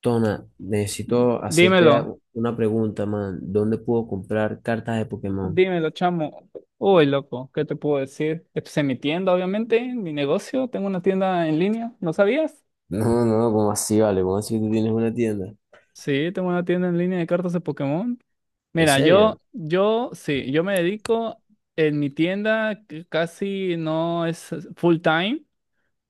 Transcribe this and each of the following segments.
Tona, necesito hacerte Dímelo, una pregunta, man. ¿Dónde puedo comprar cartas de Pokémon? dímelo, chamo. Uy, loco, ¿qué te puedo decir? Esto es mi tienda, obviamente, mi negocio. Tengo una tienda en línea, ¿no sabías? No, no, ¿cómo así, vale? ¿Cómo así que tú tienes una tienda? Sí, tengo una tienda en línea de cartas de Pokémon. ¿En Mira, serio? Sí, yo me dedico en mi tienda, que casi no es full time.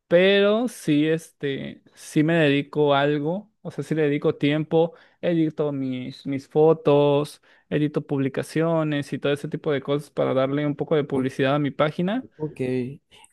Pero sí, sí me dedico a algo, o sea, sí le dedico tiempo, edito mis fotos, edito publicaciones y todo ese tipo de cosas para darle un poco de publicidad a mi página. Ok,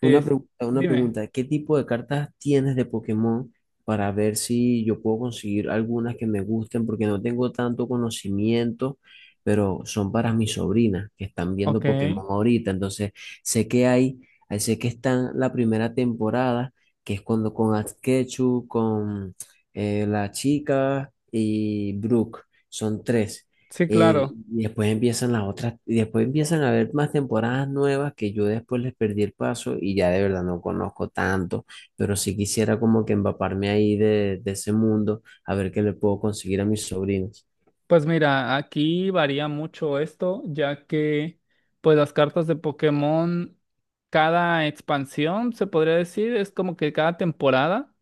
una Es, pregunta, una dime, pregunta. ¿Qué tipo de cartas tienes de Pokémon para ver si yo puedo conseguir algunas que me gusten? Porque no tengo tanto conocimiento, pero son para mis sobrinas que están ok, viendo Pokémon ahorita. Entonces, sé que hay, ahí sé que están la primera temporada, que es cuando con Asketchu, con la chica y Brooke. Son tres. sí, claro. Y después empiezan las otras, y después empiezan a haber más temporadas nuevas que yo después les perdí el paso y ya de verdad no conozco tanto, pero sí quisiera como que empaparme ahí de ese mundo, a ver qué le puedo conseguir a mis sobrinos. Pues mira, aquí varía mucho esto, ya que pues las cartas de Pokémon, cada expansión, se podría decir, es como que cada temporada.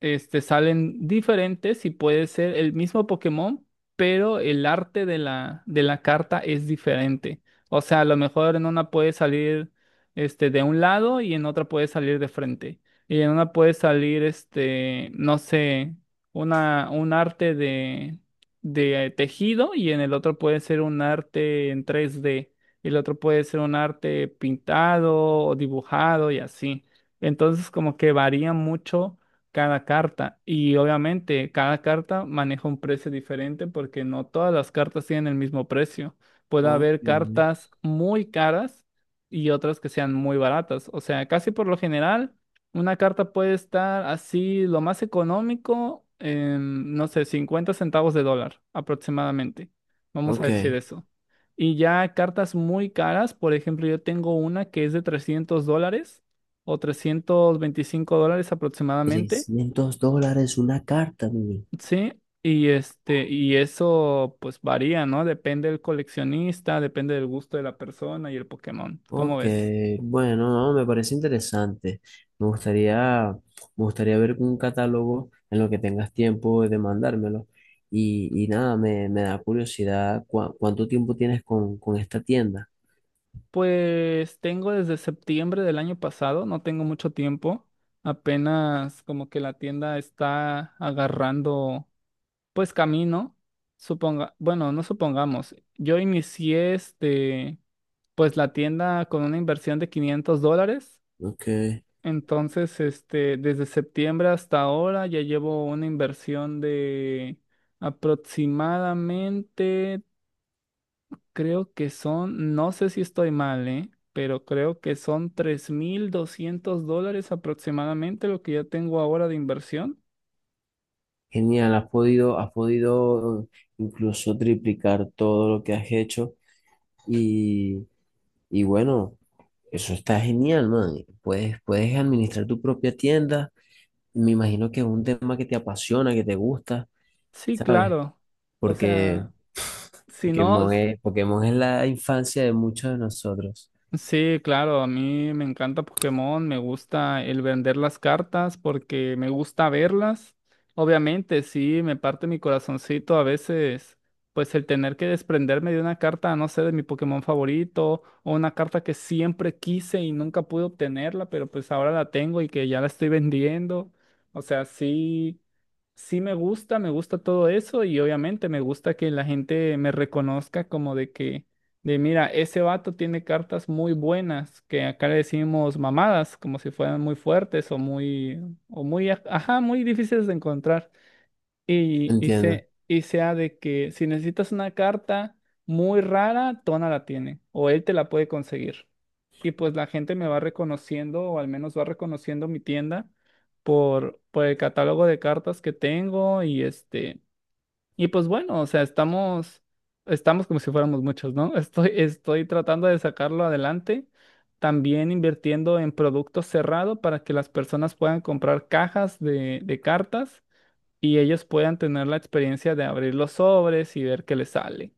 Salen diferentes y puede ser el mismo Pokémon, pero el arte de la carta es diferente. O sea, a lo mejor en una puede salir de un lado y en otra puede salir de frente. Y en una puede salir, no sé, un arte de tejido y en el otro puede ser un arte en 3D. El otro puede ser un arte pintado o dibujado y así. Entonces, como que varía mucho cada carta. Y obviamente cada carta maneja un precio diferente porque no todas las cartas tienen el mismo precio. Puede Ok, haber cartas muy caras y otras que sean muy baratas. O sea, casi por lo general, una carta puede estar así, lo más económico, en, no sé, 50 centavos de dólar aproximadamente. Vamos a decir ok. eso. Y ya cartas muy caras, por ejemplo, yo tengo una que es de $300 o $325 aproximadamente. 300 dólares una carta, mire. Sí, y eso pues varía, ¿no? Depende del coleccionista, depende del gusto de la persona y el Pokémon. ¿Cómo Ok, ves? bueno, no, me parece interesante. Me gustaría, me gustaría ver un catálogo en lo que tengas tiempo de mandármelo. Y nada, me da curiosidad cuánto tiempo tienes con esta tienda. Pues tengo desde septiembre del año pasado, no tengo mucho tiempo. Apenas como que la tienda está agarrando pues camino. Suponga, bueno, no supongamos. Yo inicié pues la tienda con una inversión de $500. Ok, Entonces, desde septiembre hasta ahora ya llevo una inversión de aproximadamente, creo que son, no sé si estoy mal, ¿eh? Pero creo que son $3,200 aproximadamente lo que ya tengo ahora de inversión. genial, has podido incluso triplicar todo lo que has hecho. Y, y bueno, eso está genial, man. Puedes administrar tu propia tienda. Me imagino que es un tema que te apasiona, que te gusta, Sí, ¿sabes? claro. O Porque sea, si no, Pokémon es la infancia de muchos de nosotros. sí, claro, a mí me encanta Pokémon, me gusta el vender las cartas porque me gusta verlas. Obviamente, sí, me parte mi corazoncito a veces, pues el tener que desprenderme de una carta, no sé, de mi Pokémon favorito o una carta que siempre quise y nunca pude obtenerla, pero pues ahora la tengo y que ya la estoy vendiendo. O sea, sí, sí me gusta todo eso y obviamente me gusta que la gente me reconozca como de que de mira, ese vato tiene cartas muy buenas, que acá le decimos mamadas, como si fueran muy fuertes o muy, ajá, muy difíciles de encontrar. Y, y, ¿Entiendes? se, y sea de que si necesitas una carta muy rara, Tona la tiene, o él te la puede conseguir. Y pues la gente me va reconociendo, o al menos va reconociendo mi tienda por el catálogo de cartas que tengo y este. Y pues bueno, o sea, estamos como si fuéramos muchos, ¿no? Estoy tratando de sacarlo adelante, también invirtiendo en producto cerrado para que las personas puedan comprar cajas de cartas y ellos puedan tener la experiencia de abrir los sobres y ver qué les sale.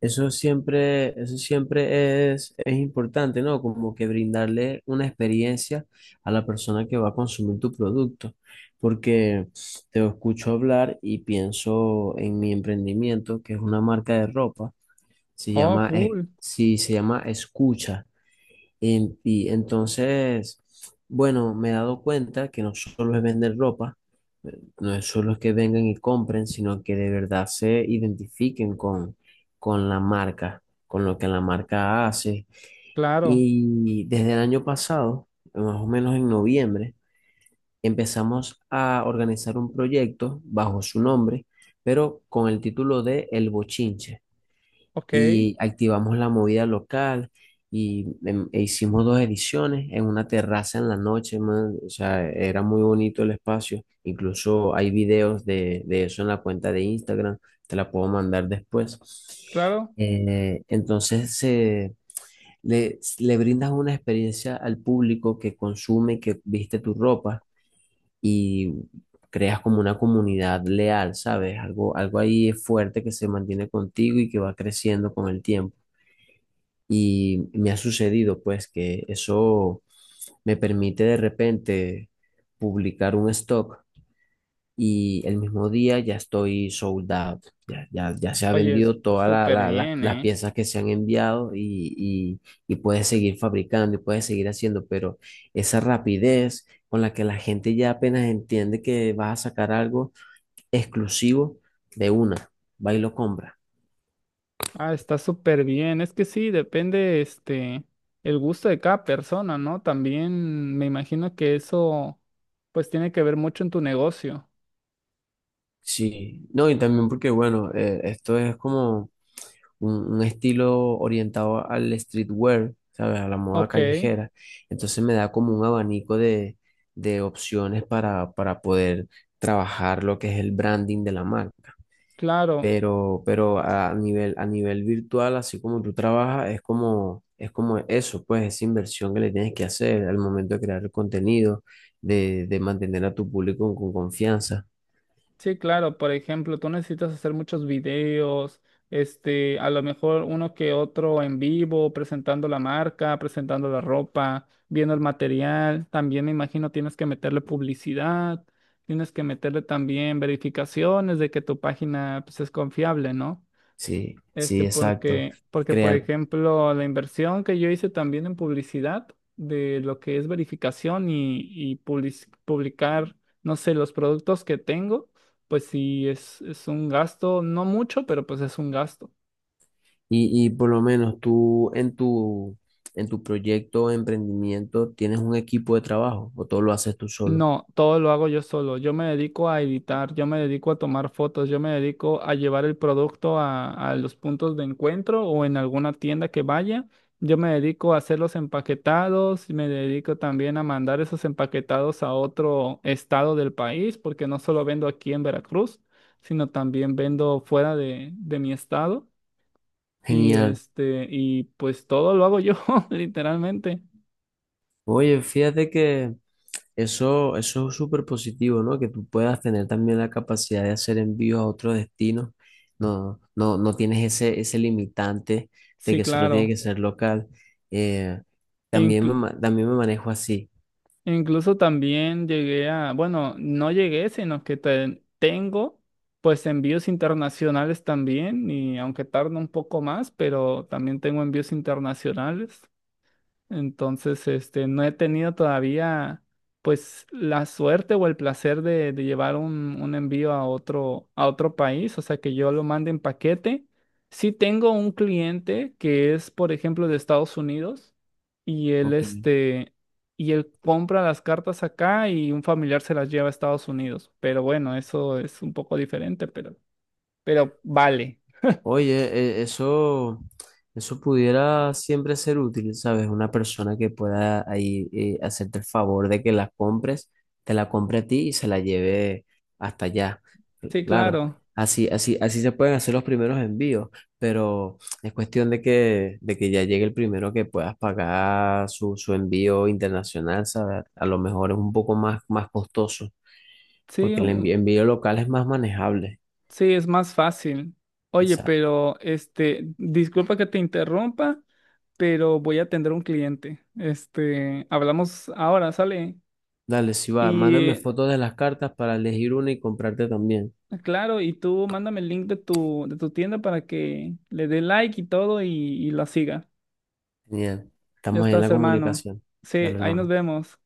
Eso siempre es importante, ¿no? Como que brindarle una experiencia a la persona que va a consumir tu producto, porque te escucho hablar y pienso en mi emprendimiento, que es una marca de ropa, se Oh, llama, cool, sí, se llama Escucha. Y entonces, bueno, me he dado cuenta que no solo es vender ropa, no es solo que vengan y compren, sino que de verdad se identifiquen con la marca, con lo que la marca hace. claro, Y desde el año pasado, más o menos en noviembre, empezamos a organizar un proyecto bajo su nombre, pero con el título de El Bochinche ok, y activamos la movida local y e hicimos dos ediciones en una terraza en la noche, man. O sea, era muy bonito el espacio. Incluso hay videos de eso en la cuenta de Instagram, te la puedo mandar después. claro. Entonces, le brindas una experiencia al público que consume, que viste tu ropa y creas como una comunidad leal, ¿sabes? Algo ahí fuerte que se mantiene contigo y que va creciendo con el tiempo. Y me ha sucedido pues que eso me permite de repente publicar un stock y el mismo día ya estoy sold out, ya se ha Oye, es vendido todas súper bien, las ¿eh? piezas que se han enviado y puedes seguir fabricando y puedes seguir haciendo, pero esa rapidez con la que la gente ya apenas entiende que vas a sacar algo exclusivo de una, va y lo compra. Ah, está súper bien. Es que sí, depende, el gusto de cada persona, ¿no? También me imagino que eso, pues, tiene que ver mucho en tu negocio. Sí, no, y también porque bueno, esto es como un estilo orientado al streetwear, ¿sabes? A la moda Ok, callejera. Entonces me da como un abanico de opciones para poder trabajar lo que es el branding de la marca. claro. Pero a nivel virtual, así como tú trabajas, es como eso, pues esa inversión que le tienes que hacer al momento de crear el contenido, de mantener a tu público con confianza. Sí, claro. Por ejemplo, tú necesitas hacer muchos videos, a lo mejor uno que otro en vivo, presentando la marca, presentando la ropa, viendo el material. También me imagino tienes que meterle publicidad, tienes que meterle también verificaciones de que tu página, pues, es confiable, ¿no? Sí, sí, exacto. Porque, por Crear. ejemplo, la inversión que yo hice también en publicidad, de lo que es verificación y publicar, no sé, los productos que tengo, pues sí, es un gasto, no mucho, pero pues es un gasto. Y por lo menos tú en tu proyecto, emprendimiento, ¿tienes un equipo de trabajo o todo lo haces tú solo? No, todo lo hago yo solo. Yo me dedico a editar, yo me dedico a tomar fotos, yo me dedico a llevar el producto a los puntos de encuentro o en alguna tienda que vaya. Yo me dedico a hacer los empaquetados, me dedico también a mandar esos empaquetados a otro estado del país, porque no solo vendo aquí en Veracruz, sino también vendo fuera de mi estado. Y Genial. este, y pues todo lo hago yo, literalmente. Oye, fíjate que eso es súper positivo, ¿no? Que tú puedas tener también la capacidad de hacer envíos a otros destinos. No tienes ese, ese limitante de Sí, que solo tiene claro. que ser local. Eh, también también me manejo así. Incluso también llegué a, bueno, no llegué, sino que tengo pues envíos internacionales también, y aunque tarda un poco más, pero también tengo envíos internacionales. Entonces, no he tenido todavía, pues, la suerte o el placer de llevar un envío a otro, país, o sea, que yo lo mande en paquete. Sí tengo un cliente que es, por ejemplo, de Estados Unidos y él, Ok. este, y él compra las cartas acá y un familiar se las lleva a Estados Unidos. Pero bueno, eso es un poco diferente, pero, vale. Oye, eso pudiera siempre ser útil, ¿sabes? Una persona que pueda ahí hacerte el favor de que la compres, te la compre a ti y se la lleve hasta allá. Sí, Claro, claro. Así se pueden hacer los primeros envíos, pero es cuestión de que ya llegue el primero que puedas pagar su envío internacional, ¿sabes? A lo mejor es un poco más, más costoso, Sí, porque el envío local es más manejable. sí, es más fácil. Oye, Exacto. pero disculpa que te interrumpa, pero voy a atender a un cliente. Hablamos ahora, sale. Dale, si va, mándame Y fotos de las cartas para elegir una y comprarte también. Claro, y tú mándame el link de tu tienda para que le dé like y todo y la siga. Genial. Ya Estamos ahí en estás, la hermano. comunicación. Sí, Dale, ahí nos hermano. vemos.